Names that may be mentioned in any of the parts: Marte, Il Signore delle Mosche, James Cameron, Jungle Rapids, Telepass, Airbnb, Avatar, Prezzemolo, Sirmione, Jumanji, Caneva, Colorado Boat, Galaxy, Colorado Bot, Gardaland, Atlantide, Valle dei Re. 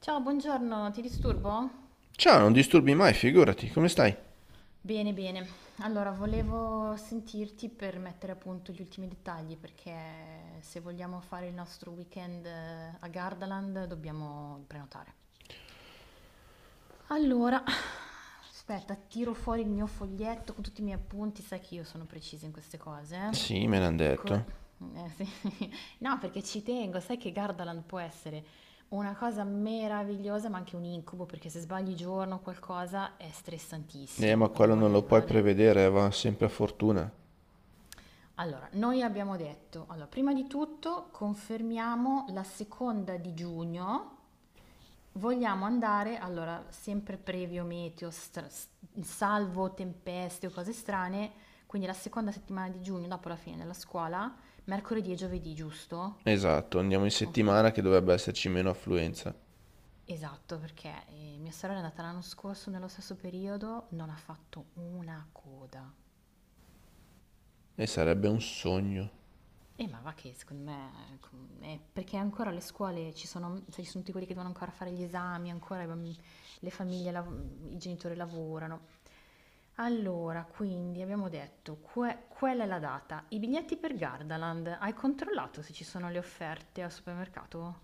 Ciao, buongiorno, ti disturbo? Ciao, non disturbi mai, figurati, come stai? Bene, bene. Allora, volevo sentirti per mettere a punto gli ultimi dettagli perché se vogliamo fare il nostro weekend a Gardaland dobbiamo prenotare. Allora, aspetta, tiro fuori il mio foglietto con tutti i miei appunti, sai che io sono precisa in queste cose, eh? Sì, me l'han detto. Sì. No, perché ci tengo, sai che Gardaland può essere una cosa meravigliosa, ma anche un incubo, perché se sbagli giorno o qualcosa è stressantissimo, Ma quindi quello non voglio lo puoi arrivare. prevedere, va sempre a fortuna. Allora, noi abbiamo detto, allora, prima di tutto confermiamo la seconda di giugno, vogliamo andare, allora, sempre previo meteo, salvo tempeste o cose strane, quindi la seconda settimana di giugno, dopo la fine della scuola, mercoledì e giovedì, giusto? Esatto, andiamo in Conf- settimana che dovrebbe esserci meno affluenza. Esatto, perché mia sorella è andata l'anno scorso nello stesso periodo, non ha fatto una coda. E sarebbe un sogno. Ma va che secondo me è perché ancora le scuole ci sono, sai, ci sono tutti quelli che devono ancora fare gli esami, ancora i le famiglie, i genitori lavorano. Allora, quindi abbiamo detto, quella è la data. I biglietti per Gardaland, hai controllato se ci sono le offerte al supermercato?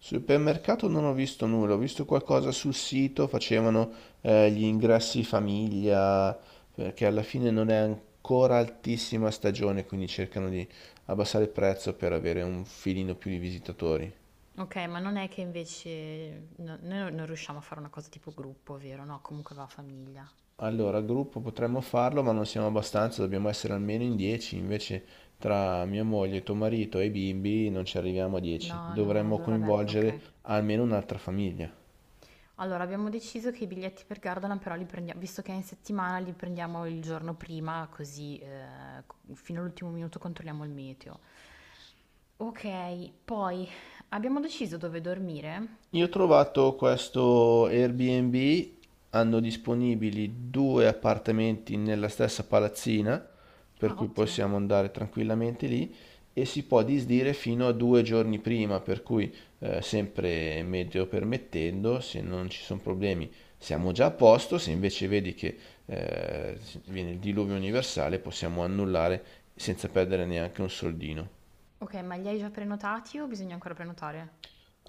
Supermercato non ho visto nulla, ho visto qualcosa sul sito, facevano gli ingressi famiglia, perché alla fine non è ancora altissima stagione, quindi cercano di abbassare il prezzo per avere un filino più di visitatori. Ok, ma non è che invece noi non riusciamo a fare una cosa tipo gruppo, vero? No, comunque va a famiglia. Allora, gruppo potremmo farlo, ma non siamo abbastanza, dobbiamo essere almeno in 10, invece tra mia moglie, tuo marito e i bimbi non ci arriviamo a 10. No, no, Dovremmo allora vabbè, ok. coinvolgere almeno un'altra famiglia. Allora, abbiamo deciso che i biglietti per Gardaland però li prendiamo, visto che è in settimana, li prendiamo il giorno prima, così fino all'ultimo minuto controlliamo il meteo. Ok, poi abbiamo deciso dove dormire? Io ho trovato questo Airbnb, hanno disponibili due appartamenti nella stessa palazzina, per Ah, cui ottimo. possiamo andare tranquillamente lì e si può disdire fino a due giorni prima, per cui sempre meteo permettendo, se non ci sono problemi siamo già a posto, se invece vedi che eh, viene il diluvio universale possiamo annullare senza perdere neanche un soldino. Ok, ma li hai già prenotati o bisogna ancora prenotare?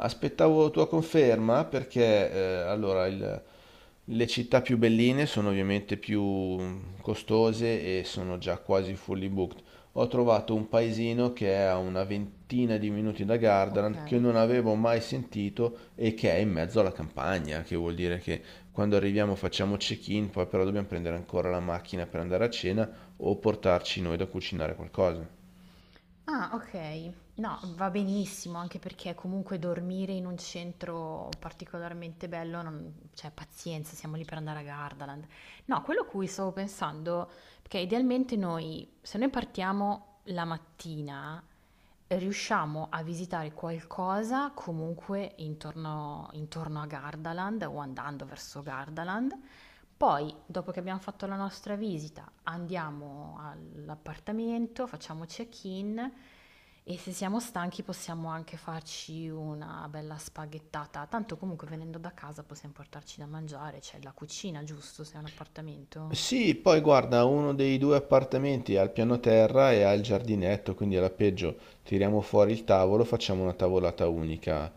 Aspettavo tua conferma perché allora, le città più belline sono ovviamente più costose e sono già quasi fully booked. Ho trovato un paesino che è a una ventina di minuti da Ok. Gardaland che non avevo mai sentito e che è in mezzo alla campagna, che vuol dire che quando arriviamo facciamo check-in, poi però dobbiamo prendere ancora la macchina per andare a cena o portarci noi da cucinare qualcosa. Ah, ok. No, va benissimo, anche perché comunque dormire in un centro particolarmente bello, cioè pazienza, siamo lì per andare a Gardaland. No, quello a cui stavo pensando, perché idealmente noi, se noi partiamo la mattina, riusciamo a visitare qualcosa comunque intorno, intorno a Gardaland o andando verso Gardaland. Poi, dopo che abbiamo fatto la nostra visita, andiamo all'appartamento, facciamo check-in e se siamo stanchi possiamo anche farci una bella spaghettata. Tanto comunque venendo da casa possiamo portarci da mangiare, c'è la cucina, giusto? Se è un appartamento. Sì, poi guarda, uno dei due appartamenti ha il piano terra e ha il giardinetto, quindi alla peggio tiriamo fuori il tavolo, facciamo una tavolata unica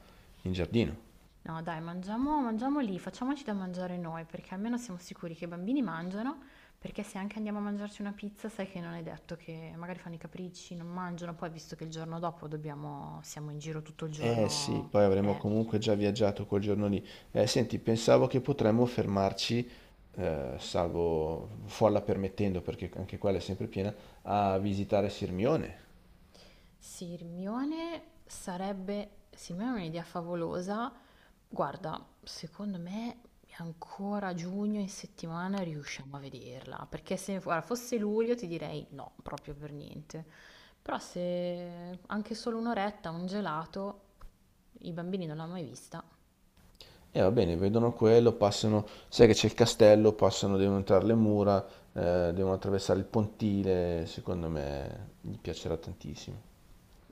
in giardino. No, dai, mangiamo, mangiamo lì, facciamoci da mangiare noi, perché almeno siamo sicuri che i bambini mangiano, perché se anche andiamo a mangiarci una pizza, sai che non è detto che magari fanno i capricci, non mangiano, poi visto che il giorno dopo dobbiamo, siamo in giro tutto il Eh sì, giorno, poi avremo eh. comunque già viaggiato quel giorno lì. Senti, pensavo che potremmo fermarci, salvo folla permettendo, perché anche quella è sempre piena, a visitare Sirmione. Sì, Hermione sarebbe, sì, ma è un'idea favolosa. Guarda, secondo me ancora giugno in settimana riusciamo a vederla, perché se guarda, fosse luglio ti direi no, proprio per niente. Però se anche solo un'oretta, un gelato, i bambini non l'hanno mai vista. E va bene, vedono quello, passano, sai che c'è il castello, passano, devono entrare le mura, devono attraversare il pontile, secondo me gli piacerà tantissimo.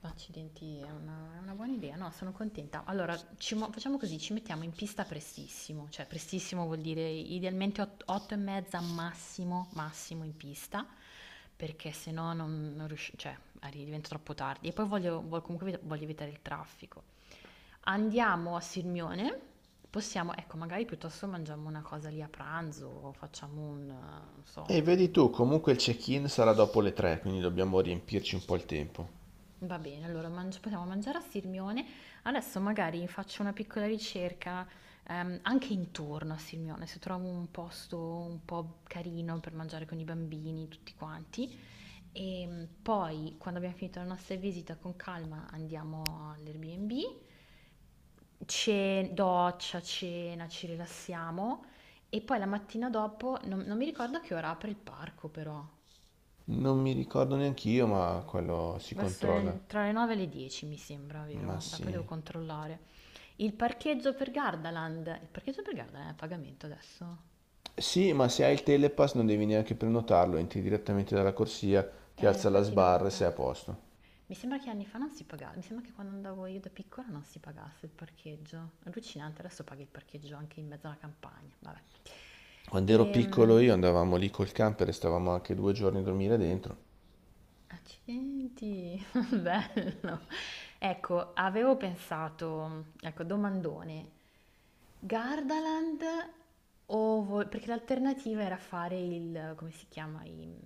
Accidenti, è una buona idea, no, sono contenta. Allora, facciamo così, ci mettiamo in pista prestissimo, cioè prestissimo vuol dire idealmente 8 e mezza massimo, massimo in pista, perché se no non, non riusci- cioè, diventa troppo tardi. E poi comunque voglio evitare il traffico. Andiamo a Sirmione, possiamo, ecco, magari piuttosto mangiamo una cosa lì a pranzo, o facciamo un, non so. E vedi tu, comunque il check-in sarà dopo le 3, quindi dobbiamo riempirci un po' il tempo. Va bene, allora possiamo mangiare a Sirmione. Adesso magari faccio una piccola ricerca anche intorno a Sirmione, se trovo un posto un po' carino per mangiare con i bambini, tutti quanti. E poi, quando abbiamo finito la nostra visita, con calma andiamo all'Airbnb, doccia, cena, ci rilassiamo. E poi la mattina dopo, non mi ricordo a che ora apre il parco però. Non mi ricordo neanch'io, ma quello si Verso controlla. Tra le 9 e le 10 mi sembra, Ma vero? Beh, poi devo sì. controllare. Il parcheggio per Gardaland è a pagamento adesso? Sì, ma se hai il Telepass non devi neanche prenotarlo, entri direttamente dalla corsia, ti alza la Infatti non. sbarra e sei a Eh. posto. Mi sembra che anni fa non si pagava, mi sembra che quando andavo io da piccola non si pagasse il parcheggio. Allucinante, adesso paghi il parcheggio anche in mezzo alla campagna, vabbè. Quando ero Ehm, piccolo io andavamo lì col camper e stavamo anche due giorni a dormire dentro. Accidenti, bello. Ecco, avevo pensato, ecco, domandone, Gardaland o perché l'alternativa era fare il, come si chiama,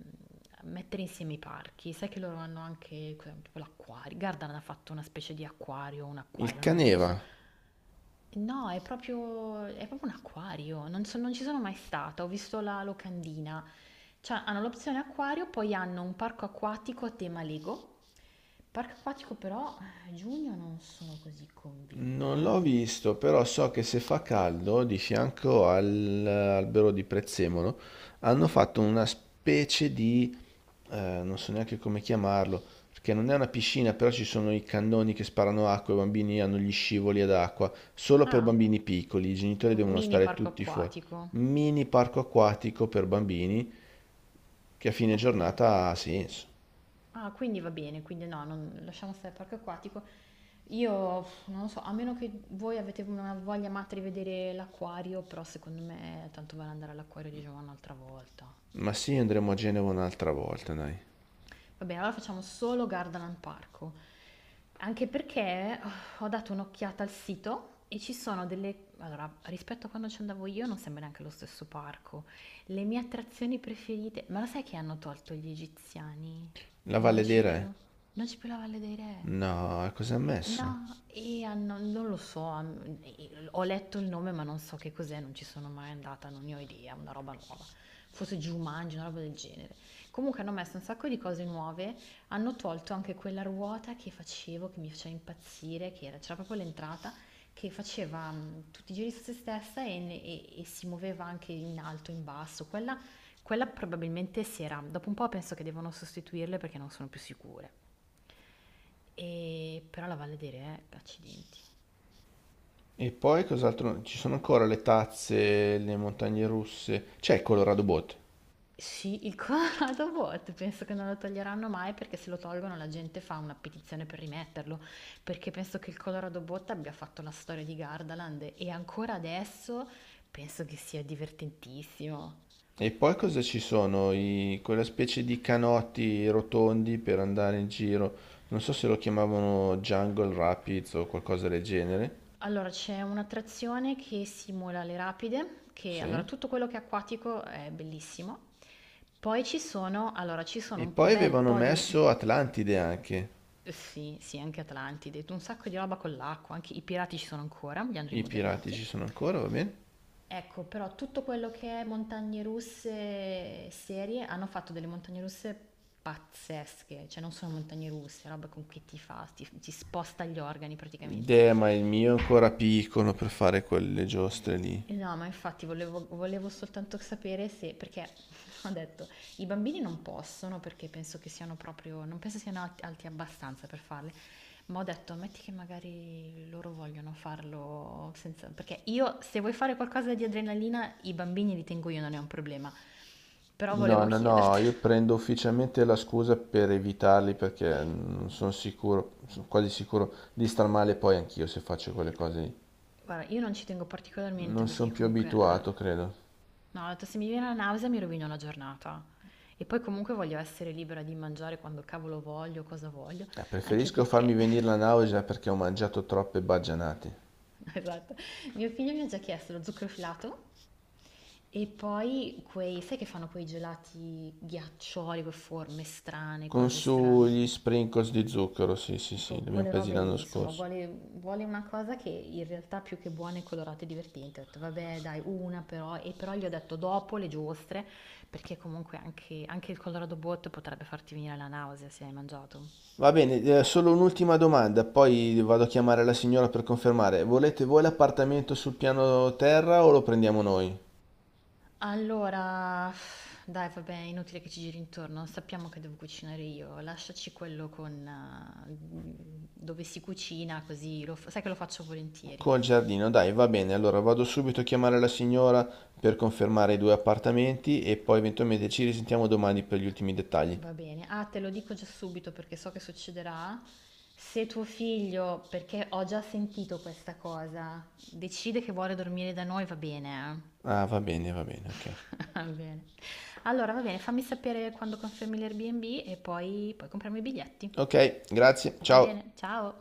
mettere insieme i parchi. Sai che loro hanno anche cos'è, tipo l'acquario. Gardaland ha fatto una specie di acquario, un Il acquario, non lo Caneva so. No, è proprio un acquario, non ci sono mai stata, ho visto la locandina, cioè, hanno l'opzione acquario, poi hanno un parco acquatico a tema Lego. Parco acquatico però, giugno non sono così convinta, non l'ho eh. visto, però so che se fa caldo, di fianco all'albero di Prezzemolo, hanno fatto una specie di, non so neanche come chiamarlo, perché non è una piscina, però ci sono i cannoni che sparano acqua, i bambini hanno gli scivoli ad acqua, solo per Ah, bambini piccoli, i genitori un devono mini stare parco tutti fuori. acquatico. Mini parco acquatico per bambini che a fine Ok. giornata ha senso. Ah, quindi va bene, quindi no, lasciamo stare il parco acquatico. Io non lo so, a meno che voi avete una voglia matta di vedere l'acquario, però secondo me tanto vale andare all'acquario di Giovanna un'altra volta. Ma sì, andremo a Genova un'altra volta, dai. Va bene, allora facciamo solo Gardaland Parco. Anche perché oh, ho dato un'occhiata al sito e ci sono delle. Allora, rispetto a quando ci andavo io non sembra neanche lo stesso parco. Le mie attrazioni preferite. Ma lo sai che hanno tolto gli egiziani? La Non Valle c'è dei più. Re. Non c'è più la Valle dei Re. No, e cosa ha messo? No, e non lo so, ho letto il nome ma non so che cos'è, non ci sono mai andata, non ne ho idea, una roba nuova. Forse Jumanji, una roba del genere. Comunque hanno messo un sacco di cose nuove, hanno tolto anche quella ruota che facevo, che mi faceva impazzire, che c'era proprio l'entrata, che faceva tutti i giri su se stessa e si muoveva anche in alto, in basso. Quella probabilmente si era, dopo un po' penso che devono sostituirle perché non sono più sicure. Però la Valle dei Re, accidenti. E poi cos'altro? Ci sono ancora le tazze, le montagne russe. C'è il Colorado Boat. Sì, il Colorado Bot penso che non lo toglieranno mai perché se lo tolgono la gente fa una petizione per rimetterlo, perché penso che il Colorado Bot abbia fatto la storia di Gardaland e ancora adesso penso che sia divertentissimo. E poi cosa ci sono? Quella specie di canotti rotondi per andare in giro. Non so se lo chiamavano Jungle Rapids o qualcosa del genere. Allora, c'è un'attrazione che simula le rapide, che allora Sì. tutto quello che è acquatico è bellissimo. Poi ci sono, allora, ci sono E un poi bel avevano po' di. messo Atlantide anche. Sì, sì, anche Atlantide, un sacco di roba con l'acqua, anche i pirati ci sono ancora, li hanno I pirati rimodernati. ci sono ancora, va bene? Ecco, però tutto quello che è montagne russe serie hanno fatto delle montagne russe pazzesche, cioè non sono montagne russe, roba con che ti fa, ti sposta gli organi praticamente. Ma il mio è ancora piccolo per fare quelle giostre lì. Eh no, ma infatti volevo soltanto sapere se, perché ho detto, i bambini non possono perché penso che siano proprio, non penso siano alti, abbastanza per farle, ma ho detto, ammetti che magari loro vogliono farlo senza, perché io se vuoi fare qualcosa di adrenalina, i bambini li tengo io, non è un problema, però No, volevo no, no, chiederti. io prendo ufficialmente la scusa per evitarli perché non sono sicuro, sono quasi sicuro di star male poi anch'io se faccio quelle cose lì. Guarda, io non ci tengo particolarmente Non perché sono più comunque. abituato, credo. No, ho detto, se mi viene la nausea mi rovino la giornata. E poi comunque voglio essere libera di mangiare quando cavolo voglio, cosa voglio, anche Preferisco farmi perché, venire la nausea perché ho mangiato troppe baggianate. esatto, mio figlio mi ha già chiesto lo zucchero filato e poi quei, sai che fanno quei gelati ghiaccioli con forme strane, Con cose su strane? gli Mm. sprinkles di zucchero, sì, sì, sì, li abbiamo Quelle presi robe lì, l'anno insomma, scorso. vuole una cosa che in realtà più che buona è colorata e divertente. Ho detto, vabbè, dai, una però, e però gli ho detto dopo le giostre, perché comunque anche il Colorado Bot potrebbe farti venire la nausea se hai mangiato. Va bene, solo un'ultima domanda, poi vado a chiamare la signora per confermare. Volete voi l'appartamento sul piano terra o lo prendiamo noi? Allora, dai, vabbè, è inutile che ci giri intorno, sappiamo che devo cucinare io, lasciaci quello con dove si cucina, così sai che lo faccio volentieri. Col giardino, dai, va bene. Allora vado subito a chiamare la signora per confermare i due appartamenti e poi eventualmente ci risentiamo domani per gli ultimi dettagli. Va bene, ah, te lo dico già subito perché so che succederà. Se tuo figlio, perché ho già sentito questa cosa, decide che vuole dormire da noi, va bene. Ah, va bene, Eh? ok. Va bene. Allora, va bene, fammi sapere quando confermi l'Airbnb e poi, poi compriamo i biglietti. Ok, grazie, Va ciao. bene, ciao.